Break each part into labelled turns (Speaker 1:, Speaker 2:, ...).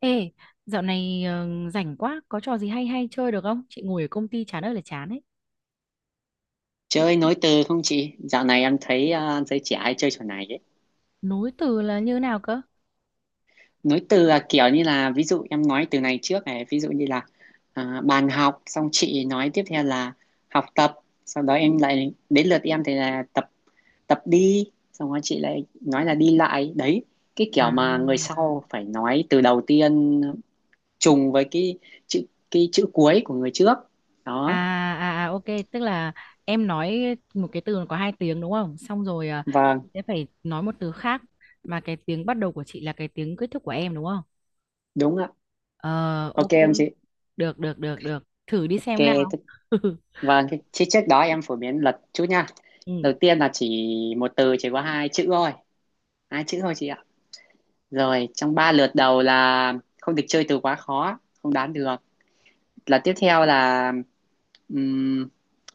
Speaker 1: Ê, dạo này rảnh quá, có trò gì hay hay chơi được không? Chị ngồi ở công ty chán ơi là chán ấy.
Speaker 2: Chơi nối từ không chị? Dạo này em thấy giới trẻ hay chơi trò này ấy.
Speaker 1: Nối từ là như nào cơ?
Speaker 2: Nối từ là kiểu như là ví dụ em nói từ này trước này, ví dụ như là bàn học, xong chị nói tiếp theo là học tập, sau đó em lại đến lượt em thì là tập tập đi, xong rồi chị lại nói là đi lại. Đấy, cái kiểu
Speaker 1: À,
Speaker 2: mà người sau phải nói từ đầu tiên trùng với chữ cái chữ cuối của người trước.
Speaker 1: À,
Speaker 2: Đó,
Speaker 1: à, ok, tức là em nói một cái từ có hai tiếng đúng không? Xong rồi
Speaker 2: vâng,
Speaker 1: chị sẽ phải nói một từ khác mà cái tiếng bắt đầu của chị là cái tiếng kết thúc của em đúng không?
Speaker 2: đúng ạ.
Speaker 1: Ờ, ok,
Speaker 2: Ok em chị.
Speaker 1: được. Thử đi
Speaker 2: Ok,
Speaker 1: xem nào.
Speaker 2: thế- vâng, thế thế trước đó em phổ biến luật chút nha.
Speaker 1: Ừ.
Speaker 2: Đầu tiên là chỉ một từ chỉ có hai chữ thôi chị ạ, rồi trong ba lượt đầu là không được chơi từ quá khó không đoán được, là tiếp theo là ừm,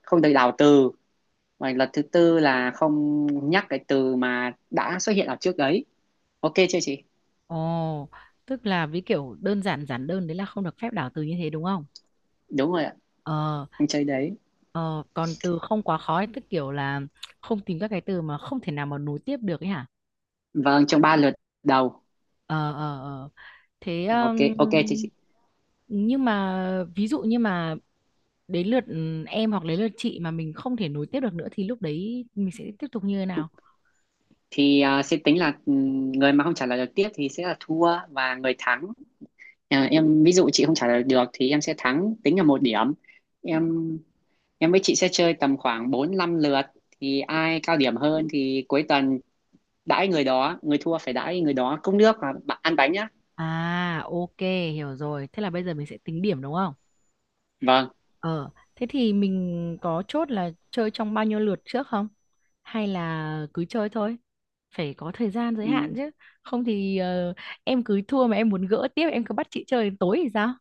Speaker 2: không được đảo từ, và lần thứ tư là không nhắc cái từ mà đã xuất hiện ở trước đấy. Ok chưa chị?
Speaker 1: Ồ, tức là với kiểu đơn giản giản đơn đấy là không được phép đảo từ như thế đúng không?
Speaker 2: Đúng rồi ạ,
Speaker 1: Ờ,
Speaker 2: không chơi đấy.
Speaker 1: ờ, còn từ không quá khó ấy, tức kiểu là không tìm các cái từ mà không thể nào mà nối tiếp được ấy hả?
Speaker 2: Vâng, trong ba lượt đầu.
Speaker 1: Ờ. Thế
Speaker 2: Ok ok chị, chị.
Speaker 1: nhưng mà ví dụ như mà đến lượt em hoặc đến lượt chị mà mình không thể nối tiếp được nữa thì lúc đấy mình sẽ tiếp tục như thế nào?
Speaker 2: Thì sẽ tính là người mà không trả lời được tiếp thì sẽ là thua và người thắng, em ví dụ chị không trả lời được thì em sẽ thắng tính là một điểm. Em em với chị sẽ chơi tầm khoảng 4 5 lượt, thì ai cao điểm hơn thì cuối tuần đãi người đó, người thua phải đãi người đó cốc nước và bạn ăn bánh nhá.
Speaker 1: À, ok, hiểu rồi. Thế là bây giờ mình sẽ tính điểm đúng không?
Speaker 2: Vâng.
Speaker 1: Ờ, thế thì mình có chốt là chơi trong bao nhiêu lượt trước không? Hay là cứ chơi thôi? Phải có thời gian giới hạn
Speaker 2: Ừ,
Speaker 1: chứ. Không thì em cứ thua mà em muốn gỡ tiếp, em cứ bắt chị chơi đến tối thì sao?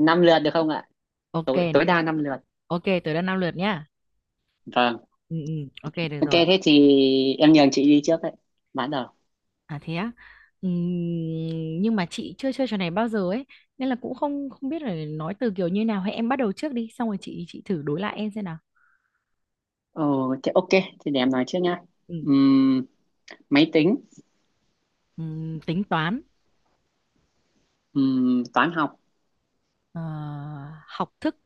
Speaker 2: 5 lượt được không ạ?
Speaker 1: Ok,
Speaker 2: Tối tối đa 5 lượt.
Speaker 1: ok, tới là 5 lượt nhá.
Speaker 2: Vâng,
Speaker 1: Ừ, ừ, ok, được
Speaker 2: ok
Speaker 1: rồi.
Speaker 2: thế thì em nhường chị đi trước đấy, bắt đầu.
Speaker 1: À thế á. Nhưng mà chị chưa chơi trò này bao giờ ấy, nên là cũng không không biết là nói từ kiểu như nào. Hay em bắt đầu trước đi, xong rồi chị thử đối lại em xem nào.
Speaker 2: Ồ thế ok, thì để em nói trước nhá.
Speaker 1: Ừ,
Speaker 2: Ừm, Máy tính.
Speaker 1: tính toán,
Speaker 2: Toán học.
Speaker 1: ờ, học thức.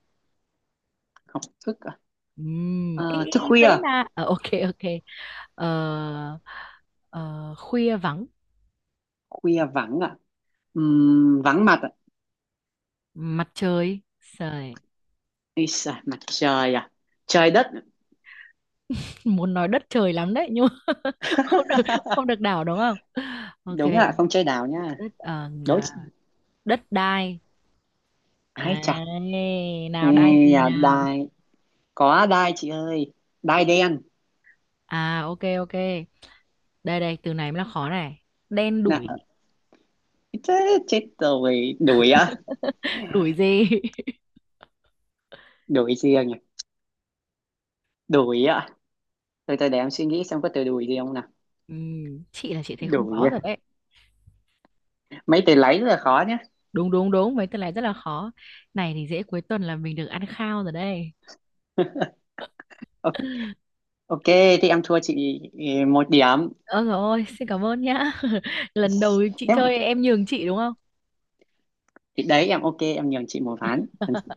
Speaker 2: Học thức à?
Speaker 1: Ý,
Speaker 2: Thức
Speaker 1: dễ
Speaker 2: khuya.
Speaker 1: mà. Ờ, ok, ok. Ờ, ờ, khuya vắng
Speaker 2: Khuya vắng ạ. Vắng mặt.
Speaker 1: mặt trời. Trời
Speaker 2: Ý xài, mặt trời à. Trời đất.
Speaker 1: muốn nói đất trời lắm đấy nhưng mà không được, không được đảo đúng không? Ok.
Speaker 2: đúng ạ, không chơi đảo nha.
Speaker 1: Đất,
Speaker 2: Đối.
Speaker 1: đất đai.
Speaker 2: Ai
Speaker 1: À,
Speaker 2: chà. Ê,
Speaker 1: nào đai gì nào?
Speaker 2: đai. Có đai chị ơi, đai đen.
Speaker 1: À, ok, ok, đây đây từ này mới là khó này. Đen
Speaker 2: Nè.
Speaker 1: đủi.
Speaker 2: Chết chết rồi, đuổi á.
Speaker 1: Đủi gì?
Speaker 2: Đuổi riêng à? Đuổi á. Từ từ để em suy nghĩ xem có từ đuổi gì không nào.
Speaker 1: Chị là chị thấy không
Speaker 2: Đuổi
Speaker 1: có
Speaker 2: à?
Speaker 1: rồi đấy.
Speaker 2: Mấy từ lấy rất là khó nhá.
Speaker 1: Đúng đúng đúng mấy tuần này rất là khó. Này thì dễ, cuối tuần là mình được ăn khao rồi đây.
Speaker 2: Ờ, ok, thì em thua chị ừ, một điểm.
Speaker 1: Ôi dồi ôi, xin cảm ơn nhá. Lần đầu chị
Speaker 2: Thế
Speaker 1: chơi em nhường chị đúng không?
Speaker 2: thì đấy, em ok em nhường chị một ván,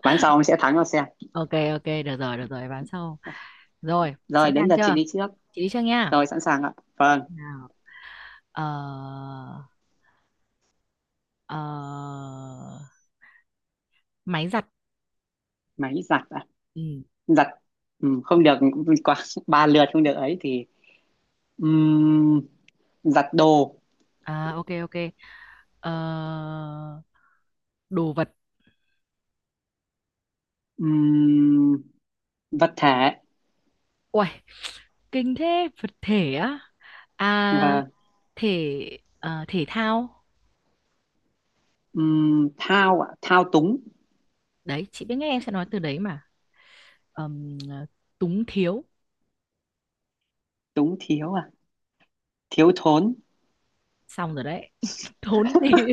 Speaker 2: ván sau em sẽ thắng nó xem.
Speaker 1: Ok ok, được rồi, bán sau. Rồi,
Speaker 2: Rồi
Speaker 1: sẵn
Speaker 2: đến
Speaker 1: sàng
Speaker 2: lượt chị
Speaker 1: chưa?
Speaker 2: đi trước.
Speaker 1: Chị đi trước nha.
Speaker 2: Rồi sẵn sàng ạ, vâng.
Speaker 1: Nào, ờ ờ máy giặt.
Speaker 2: Máy giặt ạ.
Speaker 1: Ừ.
Speaker 2: Giặt ừ, không được quá ba lượt không được ấy thì ừm, giặt đồ.
Speaker 1: À, ok, ok. Ờ, đồ vật.
Speaker 2: ừm, Vật thể.
Speaker 1: Uầy, kinh thế, vật thể á? À
Speaker 2: Và
Speaker 1: thể, thể thao.
Speaker 2: thao ạ, thao túng.
Speaker 1: Đấy chị biết ngay em sẽ nói từ đấy mà. Ờm, ờ, túng thiếu.
Speaker 2: Túng thiếu à? Thiếu thốn.
Speaker 1: Xong rồi đấy. Thốn gì?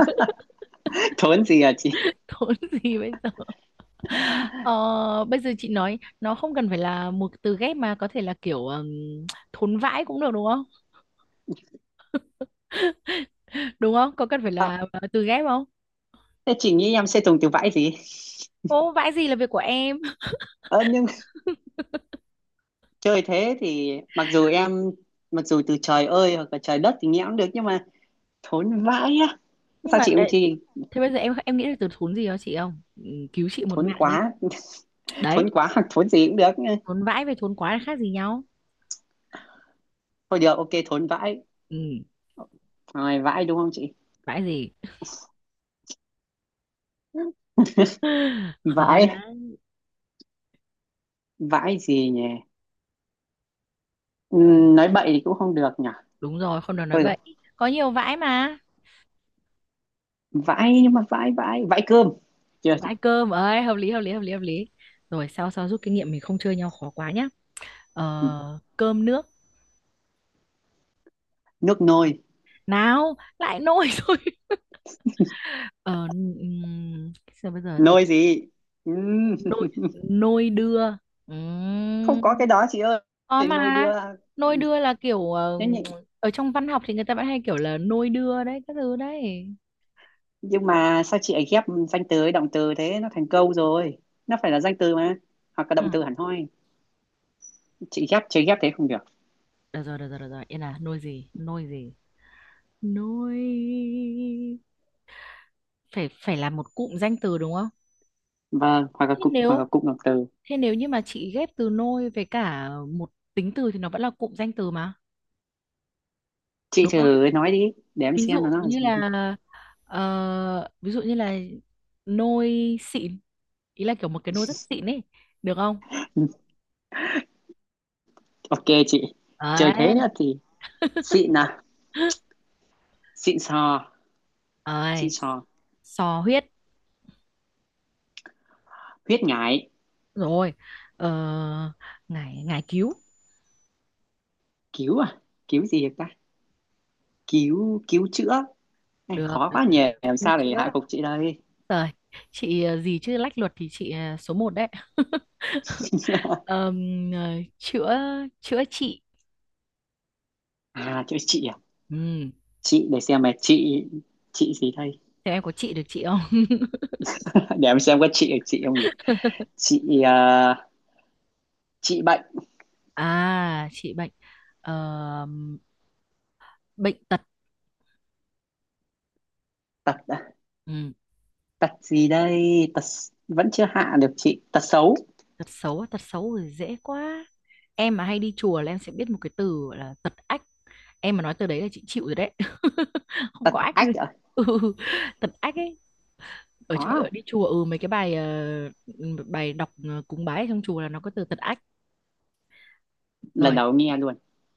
Speaker 2: thốn gì à chị?
Speaker 1: Thốn gì bây giờ? Ờ, Bây giờ chị nói nó không cần phải là một từ ghép mà có thể là kiểu thốn vãi cũng được đúng không? Đúng không, có cần phải
Speaker 2: Ờ,
Speaker 1: là từ ghép không?
Speaker 2: Thế chị nghĩ em sẽ dùng từ vãi gì?
Speaker 1: Ô, vãi gì là việc của em.
Speaker 2: Ờ, nhưng chơi thế thì mặc dù từ trời ơi hoặc là trời đất thì nghe cũng được, nhưng mà thốn vãi á.
Speaker 1: Nhưng
Speaker 2: Sao
Speaker 1: mà
Speaker 2: chị không
Speaker 1: đấy,
Speaker 2: chi?
Speaker 1: thế bây giờ em nghĩ được từ thốn gì đó chị không cứu chị một
Speaker 2: Thốn
Speaker 1: mạng đi.
Speaker 2: quá.
Speaker 1: Đấy,
Speaker 2: Thốn quá hoặc thốn gì cũng được.
Speaker 1: thốn vãi với thốn quá là khác gì nhau?
Speaker 2: Thôi được, ok, thốn vãi.
Speaker 1: Ừ,
Speaker 2: Rồi vãi, đúng không chị?
Speaker 1: vãi gì? Khó
Speaker 2: Vãi,
Speaker 1: đấy.
Speaker 2: vãi gì nhỉ? Ừ, nói bậy thì cũng không được nhỉ.
Speaker 1: Đúng rồi, không được nói
Speaker 2: Thôi được.
Speaker 1: bậy. Có nhiều vãi mà.
Speaker 2: Vãi, nhưng mà vãi, vãi vãi cơm, chưa chị?
Speaker 1: Vãi cơm ấy, hợp lý. Rồi, sao sao rút kinh nghiệm mình không chơi nhau khó quá nhá. ờ, Cơm nước.
Speaker 2: Nước nôi.
Speaker 1: Nào lại nôi. Rồi, ờ, sao bây giờ gì?
Speaker 2: Nôi gì? Ừ,
Speaker 1: Nôi, nôi đưa.
Speaker 2: không có cái
Speaker 1: Ừm,
Speaker 2: đó chị
Speaker 1: có
Speaker 2: ơi. Nôi
Speaker 1: mà,
Speaker 2: đưa.
Speaker 1: nôi đưa là kiểu
Speaker 2: nhưng, nhị-
Speaker 1: ở trong văn học thì người ta vẫn hay kiểu là nôi đưa đấy, các thứ đấy.
Speaker 2: nhưng mà sao chị ấy ghép danh từ với động từ thế, nó thành câu rồi, nó phải là danh từ mà, hoặc là
Speaker 1: Ừ.
Speaker 2: động từ hẳn hoi. Chị ghép thế không được.
Speaker 1: Được rồi, yên, là nôi gì, nôi gì? Nôi phải phải là một cụm danh từ đúng không?
Speaker 2: Vâng, hoặc là
Speaker 1: thế
Speaker 2: cụm,
Speaker 1: nếu
Speaker 2: động từ.
Speaker 1: Thế nếu như mà chị ghép từ nôi với cả một tính từ thì nó vẫn là cụm danh từ mà,
Speaker 2: Chị
Speaker 1: đúng không?
Speaker 2: thử nói đi để em
Speaker 1: Ví
Speaker 2: xem
Speaker 1: dụ
Speaker 2: là nó là
Speaker 1: như
Speaker 2: gì.
Speaker 1: là ví dụ như là nôi xịn, ý là kiểu một cái nôi rất xịn ấy, được không?
Speaker 2: ok chị. Trời,
Speaker 1: Đấy.
Speaker 2: thế nữa thì xịn à. Xịn sò. Xịn
Speaker 1: Rồi,
Speaker 2: sò.
Speaker 1: sò huyết.
Speaker 2: Khuyết ngại.
Speaker 1: Rồi. Ờ, ngải, ngải cứu.
Speaker 2: Cứu à? Cứu gì ta? Cứu cứu chữa. Này khó quá nhỉ,
Speaker 1: Được.
Speaker 2: làm
Speaker 1: Cứu
Speaker 2: sao để
Speaker 1: chữa.
Speaker 2: hạ gục chị đây.
Speaker 1: Rồi, chị gì chứ lách luật thì chị số một đấy. Ờm, ờ, Chữa, chữa trị.
Speaker 2: à chữ chị à?
Speaker 1: Ừ.
Speaker 2: Chị để xem mà chị gì đây?
Speaker 1: Thế em có chị được chị không?
Speaker 2: để em xem có chị ở chị không nhỉ. Chị à, chị bệnh.
Speaker 1: À, chị bệnh. ờ, Bệnh tật.
Speaker 2: Tật à?
Speaker 1: Ừ,
Speaker 2: Tật gì đây, tật. Vẫn chưa hạ được chị, tật xấu.
Speaker 1: tật xấu, á, tật xấu thì dễ quá. Em mà hay đi chùa là em sẽ biết một cái từ gọi là tật ách. Em mà nói từ đấy là chị chịu rồi đấy. Không
Speaker 2: Tật
Speaker 1: có ách gì.
Speaker 2: ách à?
Speaker 1: Ừ, tật ách ấy. Ở
Speaker 2: Có
Speaker 1: chỗ
Speaker 2: à?
Speaker 1: ở đi chùa ừ mấy cái bài bài đọc, cúng bái ở trong chùa là nó có từ tật ách.
Speaker 2: Lần
Speaker 1: Rồi.
Speaker 2: đầu nghe luôn.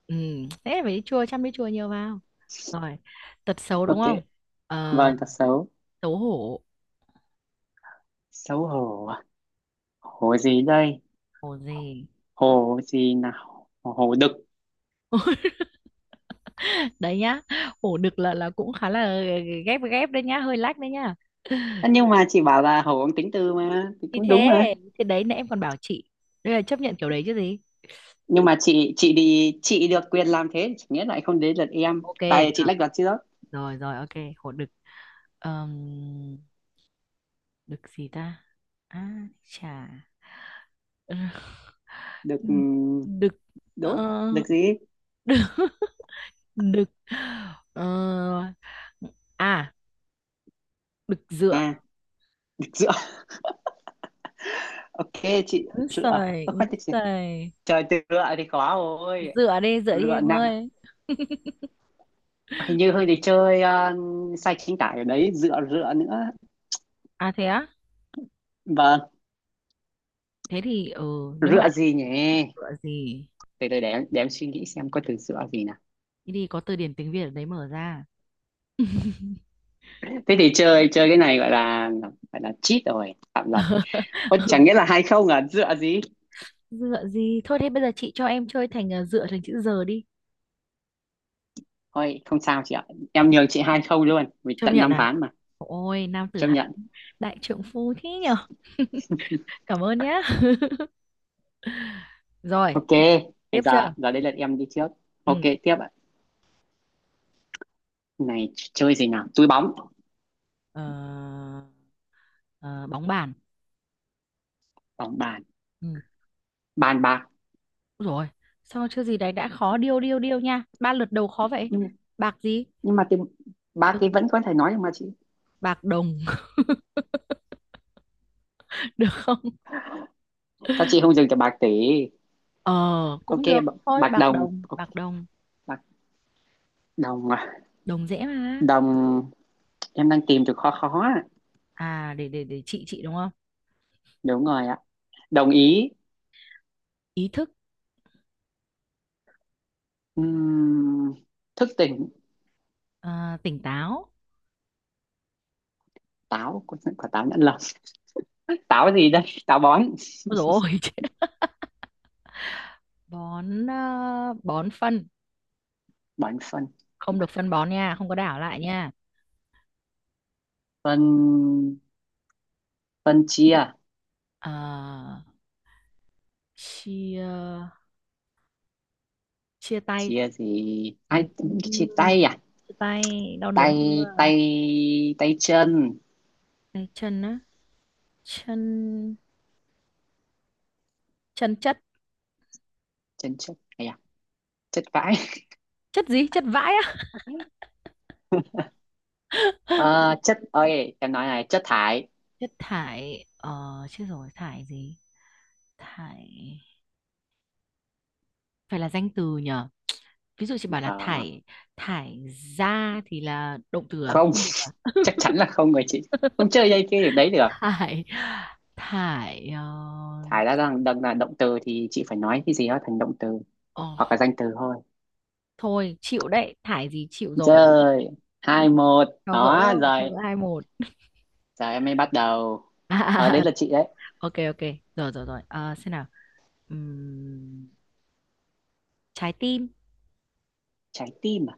Speaker 1: Ừ, thế phải đi chùa, chăm đi chùa nhiều vào. Rồi, tật xấu đúng
Speaker 2: Ok,
Speaker 1: không? Ờ,
Speaker 2: vâng, tật xấu.
Speaker 1: xấu hổ,
Speaker 2: Xấu hổ à? Hổ gì đây?
Speaker 1: hổ gì?
Speaker 2: Hổ gì nào? Hổ đực.
Speaker 1: Đấy nhá, ổ đực là cũng khá là ghép, ghép đấy nhá, hơi lách đấy nhá.
Speaker 2: Ơ, nhưng mà chị bảo là Hậu Uống tính từ mà thì
Speaker 1: thì
Speaker 2: cũng đúng
Speaker 1: thế
Speaker 2: mà.
Speaker 1: thì đấy nãy em còn bảo chị đây là chấp nhận kiểu đấy chứ gì.
Speaker 2: Nhưng mà chị đi, chị được quyền làm thế chẳng nghĩa lại không đến lượt em.
Speaker 1: Ok,
Speaker 2: Tại chị
Speaker 1: được
Speaker 2: lách luật chứ đó.
Speaker 1: rồi rồi ok. Ổ đực. Ờm, Đực gì ta? À, chà.
Speaker 2: Được,
Speaker 1: Đ- Đực,
Speaker 2: đốt.
Speaker 1: ờ,
Speaker 2: Được gì?
Speaker 1: đực đực ờ, à đực dựa.
Speaker 2: À, được rửa. ok chị.
Speaker 1: Úi
Speaker 2: Rửa.
Speaker 1: giời,
Speaker 2: Ơ,
Speaker 1: úi
Speaker 2: khoan chị,
Speaker 1: giời.
Speaker 2: trời, từ rửa thì khó rồi.
Speaker 1: Dựa đi, dựa đi
Speaker 2: Rửa
Speaker 1: em
Speaker 2: nặng.
Speaker 1: ơi.
Speaker 2: Hình như hơi đi chơi, sai chính tả ở đấy, rửa, rửa nữa.
Speaker 1: À thế á.
Speaker 2: Vâng.
Speaker 1: Thế thì ừ, nếu mà
Speaker 2: Rửa
Speaker 1: em
Speaker 2: gì nhỉ?
Speaker 1: dựa gì?
Speaker 2: Từ từ để suy nghĩ xem có từ rửa gì nào.
Speaker 1: Đi đi, có từ điển tiếng Việt ở đấy mở ra.
Speaker 2: Thế thì chơi chơi cái này gọi là cheat rồi, phạm luật. Ôi, chẳng
Speaker 1: Ừ,
Speaker 2: nghĩa là 2-0 à. Dựa gì.
Speaker 1: dựa gì, thôi thế bây giờ chị cho em chơi thành dựa thành chữ giờ đi.
Speaker 2: Thôi không sao chị ạ, em nhường chị 2-0 luôn vì
Speaker 1: Chấp
Speaker 2: tận
Speaker 1: nhận
Speaker 2: năm
Speaker 1: à?
Speaker 2: ván mà.
Speaker 1: Ôi, nam tử
Speaker 2: Chấp
Speaker 1: Hán,
Speaker 2: nhận.
Speaker 1: đại trượng phu thế nhở. Cảm ơn nhá. Rồi,
Speaker 2: Ok, bây
Speaker 1: tiếp
Speaker 2: giờ,
Speaker 1: chưa?
Speaker 2: giờ đây là em đi trước, ok
Speaker 1: Ừ.
Speaker 2: tiếp ạ. Này chơi gì nào, túi bóng.
Speaker 1: Ờ, ờ, Bóng bàn.
Speaker 2: Bóng bàn.
Speaker 1: Ừ.
Speaker 2: Bàn bạc.
Speaker 1: Úi dồi, sao chưa gì đấy đã khó, điêu điêu điêu nha, ba lượt đầu khó vậy.
Speaker 2: nhưng
Speaker 1: Bạc gì?
Speaker 2: nhưng mà cái ba
Speaker 1: Ừ.
Speaker 2: cái vẫn có thể nói được mà chị.
Speaker 1: Bạc đồng. Được không?
Speaker 2: Sao chị không dừng từ bạc tỷ?
Speaker 1: Ờ,
Speaker 2: Ok,
Speaker 1: cũng được thôi,
Speaker 2: bạc đồng, ok.
Speaker 1: bạc đồng.
Speaker 2: Bạc đồng à?
Speaker 1: Đồng dễ mà.
Speaker 2: Đồng. Em đang tìm từ khó, khó ạ.
Speaker 1: À, để chị đúng không?
Speaker 2: Đúng rồi ạ, đồng ý.
Speaker 1: Ý thức.
Speaker 2: Ừm, Thức tỉnh.
Speaker 1: À, tỉnh táo.
Speaker 2: Táo quả. Táo nhãn lồng. Táo gì đây, táo bón.
Speaker 1: Ôi dồi ôi. Chết. Bón à, bón phân.
Speaker 2: Bón phân.
Speaker 1: Không được phân bón nha, không có đảo lại nha.
Speaker 2: Phân, phân chia.
Speaker 1: Ờ, chia, chia tay.
Speaker 2: Chia gì ai?
Speaker 1: Ừm,
Speaker 2: Chia tay à?
Speaker 1: chia tay đau đớn
Speaker 2: Tay,
Speaker 1: chưa.
Speaker 2: tay, tay chân.
Speaker 1: Đây, chân á, chân chân chất.
Speaker 2: Chân chất hay à. Chất vãi.
Speaker 1: Chất gì, chất vãi á?
Speaker 2: Ờ, Chất ơi, em nói này, chất thải.
Speaker 1: Chất thải. Ờ chết rồi, thải gì? Thải phải là danh từ nhở? Ví dụ chị bảo là
Speaker 2: Ờ,
Speaker 1: thải thải ra thì là động từ à,
Speaker 2: Không,
Speaker 1: không được à?
Speaker 2: chắc chắn là không rồi chị, không chơi dây cái điểm đấy được.
Speaker 1: thải thải ờ,
Speaker 2: Thải đã đang đang là động từ thì chị phải nói cái gì đó thành động từ
Speaker 1: ờ,
Speaker 2: hoặc là danh từ thôi.
Speaker 1: Thôi chịu đấy, thải gì chịu rồi.
Speaker 2: Rồi, 2-1.
Speaker 1: Cho gỡ,
Speaker 2: Đó rồi,
Speaker 1: hai một.
Speaker 2: giờ em mới bắt đầu ở đấy là chị đấy.
Speaker 1: ok ok. rồi rồi Rồi. Ờ, xem nào. Ừm, trái tim.
Speaker 2: Trái tim à?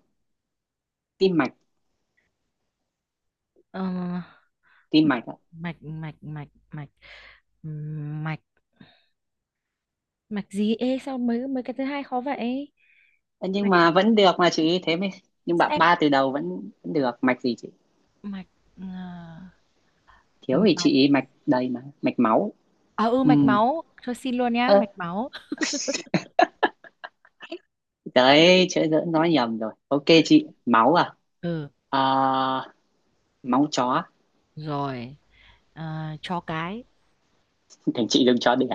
Speaker 2: Tim mạch.
Speaker 1: Ờ,
Speaker 2: Tim mạch ạ.
Speaker 1: mạch. Mạch, mạch gì, ê sao mấy mấy cái thứ hai khó vậy.
Speaker 2: Ơ, nhưng
Speaker 1: Mạch
Speaker 2: mà vẫn được mà chị, thế mới. Nhưng bạn,
Speaker 1: em,
Speaker 2: ba từ đầu vẫn được, mạch gì chị?
Speaker 1: mạch ờ,
Speaker 2: Thiếu thì
Speaker 1: mạch.
Speaker 2: chị mạch đầy mà, mạch máu.
Speaker 1: À, ừ
Speaker 2: Ừ,
Speaker 1: mạch máu, thôi xin luôn nhá,
Speaker 2: ơ
Speaker 1: mạch máu.
Speaker 2: đấy chữ dỡ nói nhầm rồi, ok chị. Máu à?
Speaker 1: Ừ.
Speaker 2: Ờ, Máu chó.
Speaker 1: Rồi. À, chó cái.
Speaker 2: thành chị đừng chó đẻ.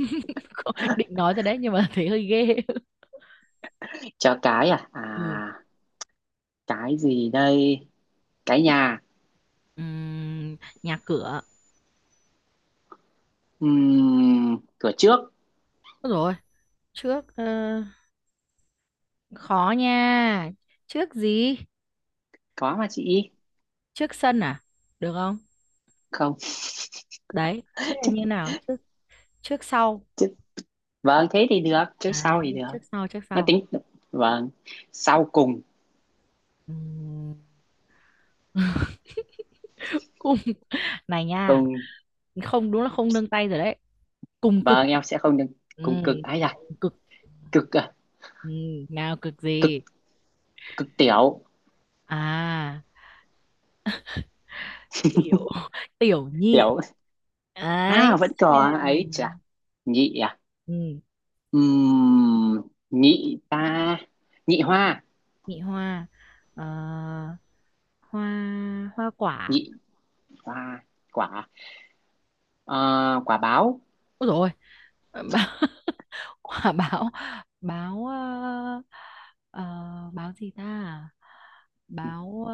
Speaker 1: Định nói rồi đấy nhưng mà thấy hơi ghê.
Speaker 2: Chó cái, à.
Speaker 1: Ừ.
Speaker 2: Cái gì đây, cái nhà.
Speaker 1: Ừm, nhà cửa.
Speaker 2: Cửa trước.
Speaker 1: Ôi rồi, trước khó nha, trước gì,
Speaker 2: Có mà chị.
Speaker 1: trước sân à, được không?
Speaker 2: Không,
Speaker 1: Đấy thế là như nào, trước, trước sau.
Speaker 2: chứ. Vâng thế thì được, chứ
Speaker 1: À,
Speaker 2: sau thì được,
Speaker 1: trước
Speaker 2: nó
Speaker 1: sau.
Speaker 2: tính. Vâng, sau cùng.
Speaker 1: Ừm. Cùng, này nha,
Speaker 2: Cùng.
Speaker 1: không đúng là không nương tay rồi đấy. Cùng cực.
Speaker 2: Vâng em sẽ không được.
Speaker 1: Ừ,
Speaker 2: Cùng cực ấy.
Speaker 1: cùng cực.
Speaker 2: Cực à?
Speaker 1: Ừ, nào cực
Speaker 2: cực
Speaker 1: gì?
Speaker 2: cực tiểu.
Speaker 1: À, tiểu. Tiểu nhị,
Speaker 2: Tiểu à?
Speaker 1: ấy
Speaker 2: Vẫn
Speaker 1: chà.
Speaker 2: có ấy chà. Nhị à?
Speaker 1: Ừ,
Speaker 2: Ừm, Nhị ta. Nhị hoa.
Speaker 1: nhị hoa. Ờ, hoa, hoa quả.
Speaker 2: Nhị hoa quả. Ờ, Quả báo.
Speaker 1: Ôi rồi. Quả báo. Báo ờ, báo gì ta, báo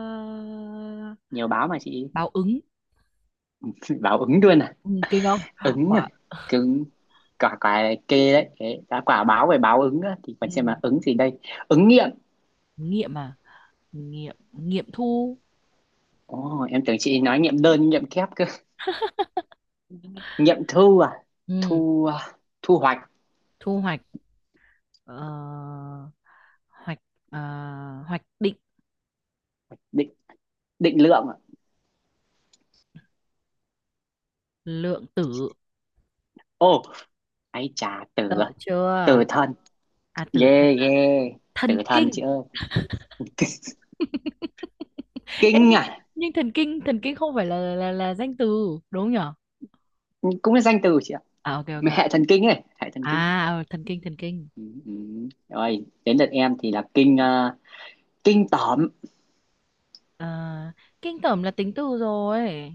Speaker 2: Nhiều báo mà chị.
Speaker 1: báo ứng.
Speaker 2: báo ứng luôn à?
Speaker 1: Ừ, kinh không?
Speaker 2: Ứng à?
Speaker 1: Quả,
Speaker 2: Cứng. Quả, quả kê đấy. Thế, đã quả báo về báo ứng á, thì
Speaker 1: ừ,
Speaker 2: còn xem là ứng gì đây. Ứng nghiệm.
Speaker 1: nghiệm à, nghiệm nghiệm thu.
Speaker 2: Ồ, em tưởng chị nói nghiệm đơn nghiệm kép cơ. Nghiệm thu à?
Speaker 1: Ừ,
Speaker 2: Thu à, thu hoạch.
Speaker 1: thu hoạch. ờ, Hoạch, ờ, hoạch định
Speaker 2: Định, định lượng à?
Speaker 1: lượng tử,
Speaker 2: Ồ, ấy chà, tử
Speaker 1: sợ
Speaker 2: à?
Speaker 1: chưa.
Speaker 2: Tử thần.
Speaker 1: À tử thần
Speaker 2: Ghê ghê.
Speaker 1: là thần
Speaker 2: Tử thần
Speaker 1: kinh.
Speaker 2: chị ơi.
Speaker 1: Ê,
Speaker 2: Kinh à?
Speaker 1: nhưng thần kinh, thần kinh không phải là danh từ đúng nhở?
Speaker 2: Cũng là danh từ chị ạ,
Speaker 1: À, ok ok ok.
Speaker 2: hệ thần kinh ấy, hệ thần kinh.
Speaker 1: À thần kinh, thần kinh.
Speaker 2: Ừ, ừ. Rồi đến lượt em thì là kinh, kinh tởm.
Speaker 1: Ờ, kinh tởm là tính từ rồi.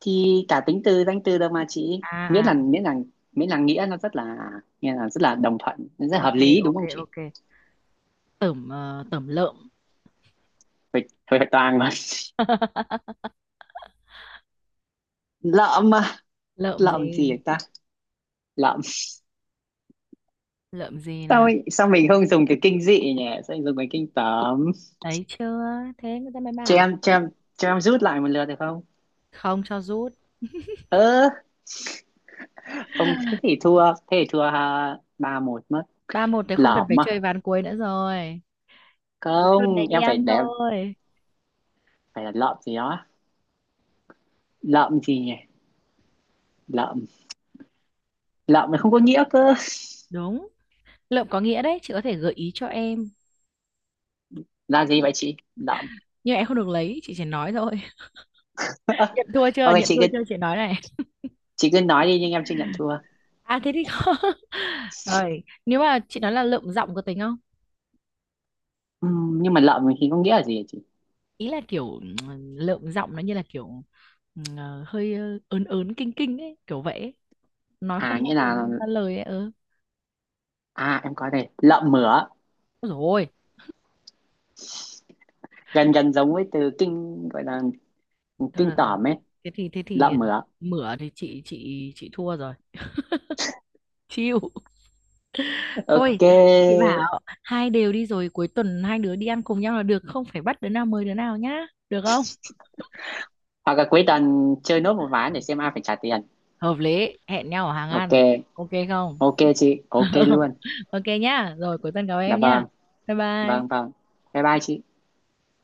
Speaker 2: Thì cả tính từ danh từ đâu mà chị, miễn
Speaker 1: à à
Speaker 2: là, miễn là nghĩa nó rất là, nghe là rất là đồng thuận, nó rất là hợp
Speaker 1: ok
Speaker 2: lý, đúng
Speaker 1: ok
Speaker 2: không chị?
Speaker 1: ok. Tởm, tởm lợm.
Speaker 2: Phải phải toàn mà. lợm mà.
Speaker 1: Lợm
Speaker 2: Lợm gì
Speaker 1: gì,
Speaker 2: vậy ta? Lợm.
Speaker 1: lợm gì nào?
Speaker 2: Sao mình không dùng cái kinh dị nhỉ, sao mình dùng cái kinh tởm?
Speaker 1: Thấy chưa? Thế người ta mới
Speaker 2: cho
Speaker 1: bảo
Speaker 2: em cho em cho em rút lại một lượt được không?
Speaker 1: không cho rút.
Speaker 2: Ơ, không, thế thì thua, thế thì thua, 3-1 mất.
Speaker 1: Ba một thì không cần phải
Speaker 2: Lợm à?
Speaker 1: chơi ván cuối nữa rồi. Cuối tuần
Speaker 2: Không,
Speaker 1: này đi
Speaker 2: em phải
Speaker 1: ăn
Speaker 2: để,
Speaker 1: thôi.
Speaker 2: phải là lợm gì đó. Lợm gì nhỉ? Lợm. Lợm nó không có nghĩa cơ.
Speaker 1: Đúng. Lượm có nghĩa đấy, chị có thể gợi ý cho em.
Speaker 2: Là gì vậy chị? Lợm.
Speaker 1: Nhưng em không được lấy, chị chỉ nói thôi. Nhận thua chưa?
Speaker 2: ok
Speaker 1: Nhận thua chưa? Chị nói này.
Speaker 2: chị cứ nói đi, nhưng em chưa nhận thua.
Speaker 1: À thế thì không. Rồi, nếu mà chị nói là lượm giọng có tính không?
Speaker 2: Nhưng mà lợm thì có nghĩa là gì hả chị?
Speaker 1: Ý là kiểu lượm giọng nó như là kiểu hơi ớn ớn kinh kinh ấy, kiểu vậy ấy. Nói
Speaker 2: À
Speaker 1: không ra
Speaker 2: nghĩa
Speaker 1: lời,
Speaker 2: là.
Speaker 1: ra lời ấy. Ừ.
Speaker 2: À em có đây, lợm mửa,
Speaker 1: Ôi
Speaker 2: gần gần giống với từ kinh, gọi là
Speaker 1: thôi
Speaker 2: kinh
Speaker 1: được rồi,
Speaker 2: tởm ấy.
Speaker 1: thế thì
Speaker 2: Lợm mửa.
Speaker 1: mửa thì chị thua rồi, chịu. Thôi
Speaker 2: Ok.
Speaker 1: chị bảo hai đều đi, rồi cuối tuần hai đứa đi ăn cùng nhau là được, không phải bắt đứa nào mời đứa nào nhá, được không?
Speaker 2: Hoặc là cuối tuần chơi nốt một ván để xem ai phải trả tiền.
Speaker 1: Hợp lý, hẹn nhau ở hàng ăn.
Speaker 2: Ok,
Speaker 1: Ok không?
Speaker 2: ok chị, ok luôn.
Speaker 1: Ok nhá, rồi cuối tuần gặp
Speaker 2: Dạ
Speaker 1: em
Speaker 2: vâng.
Speaker 1: nhá. Bye
Speaker 2: Vâng,
Speaker 1: bye.
Speaker 2: vâng. Bye bye chị.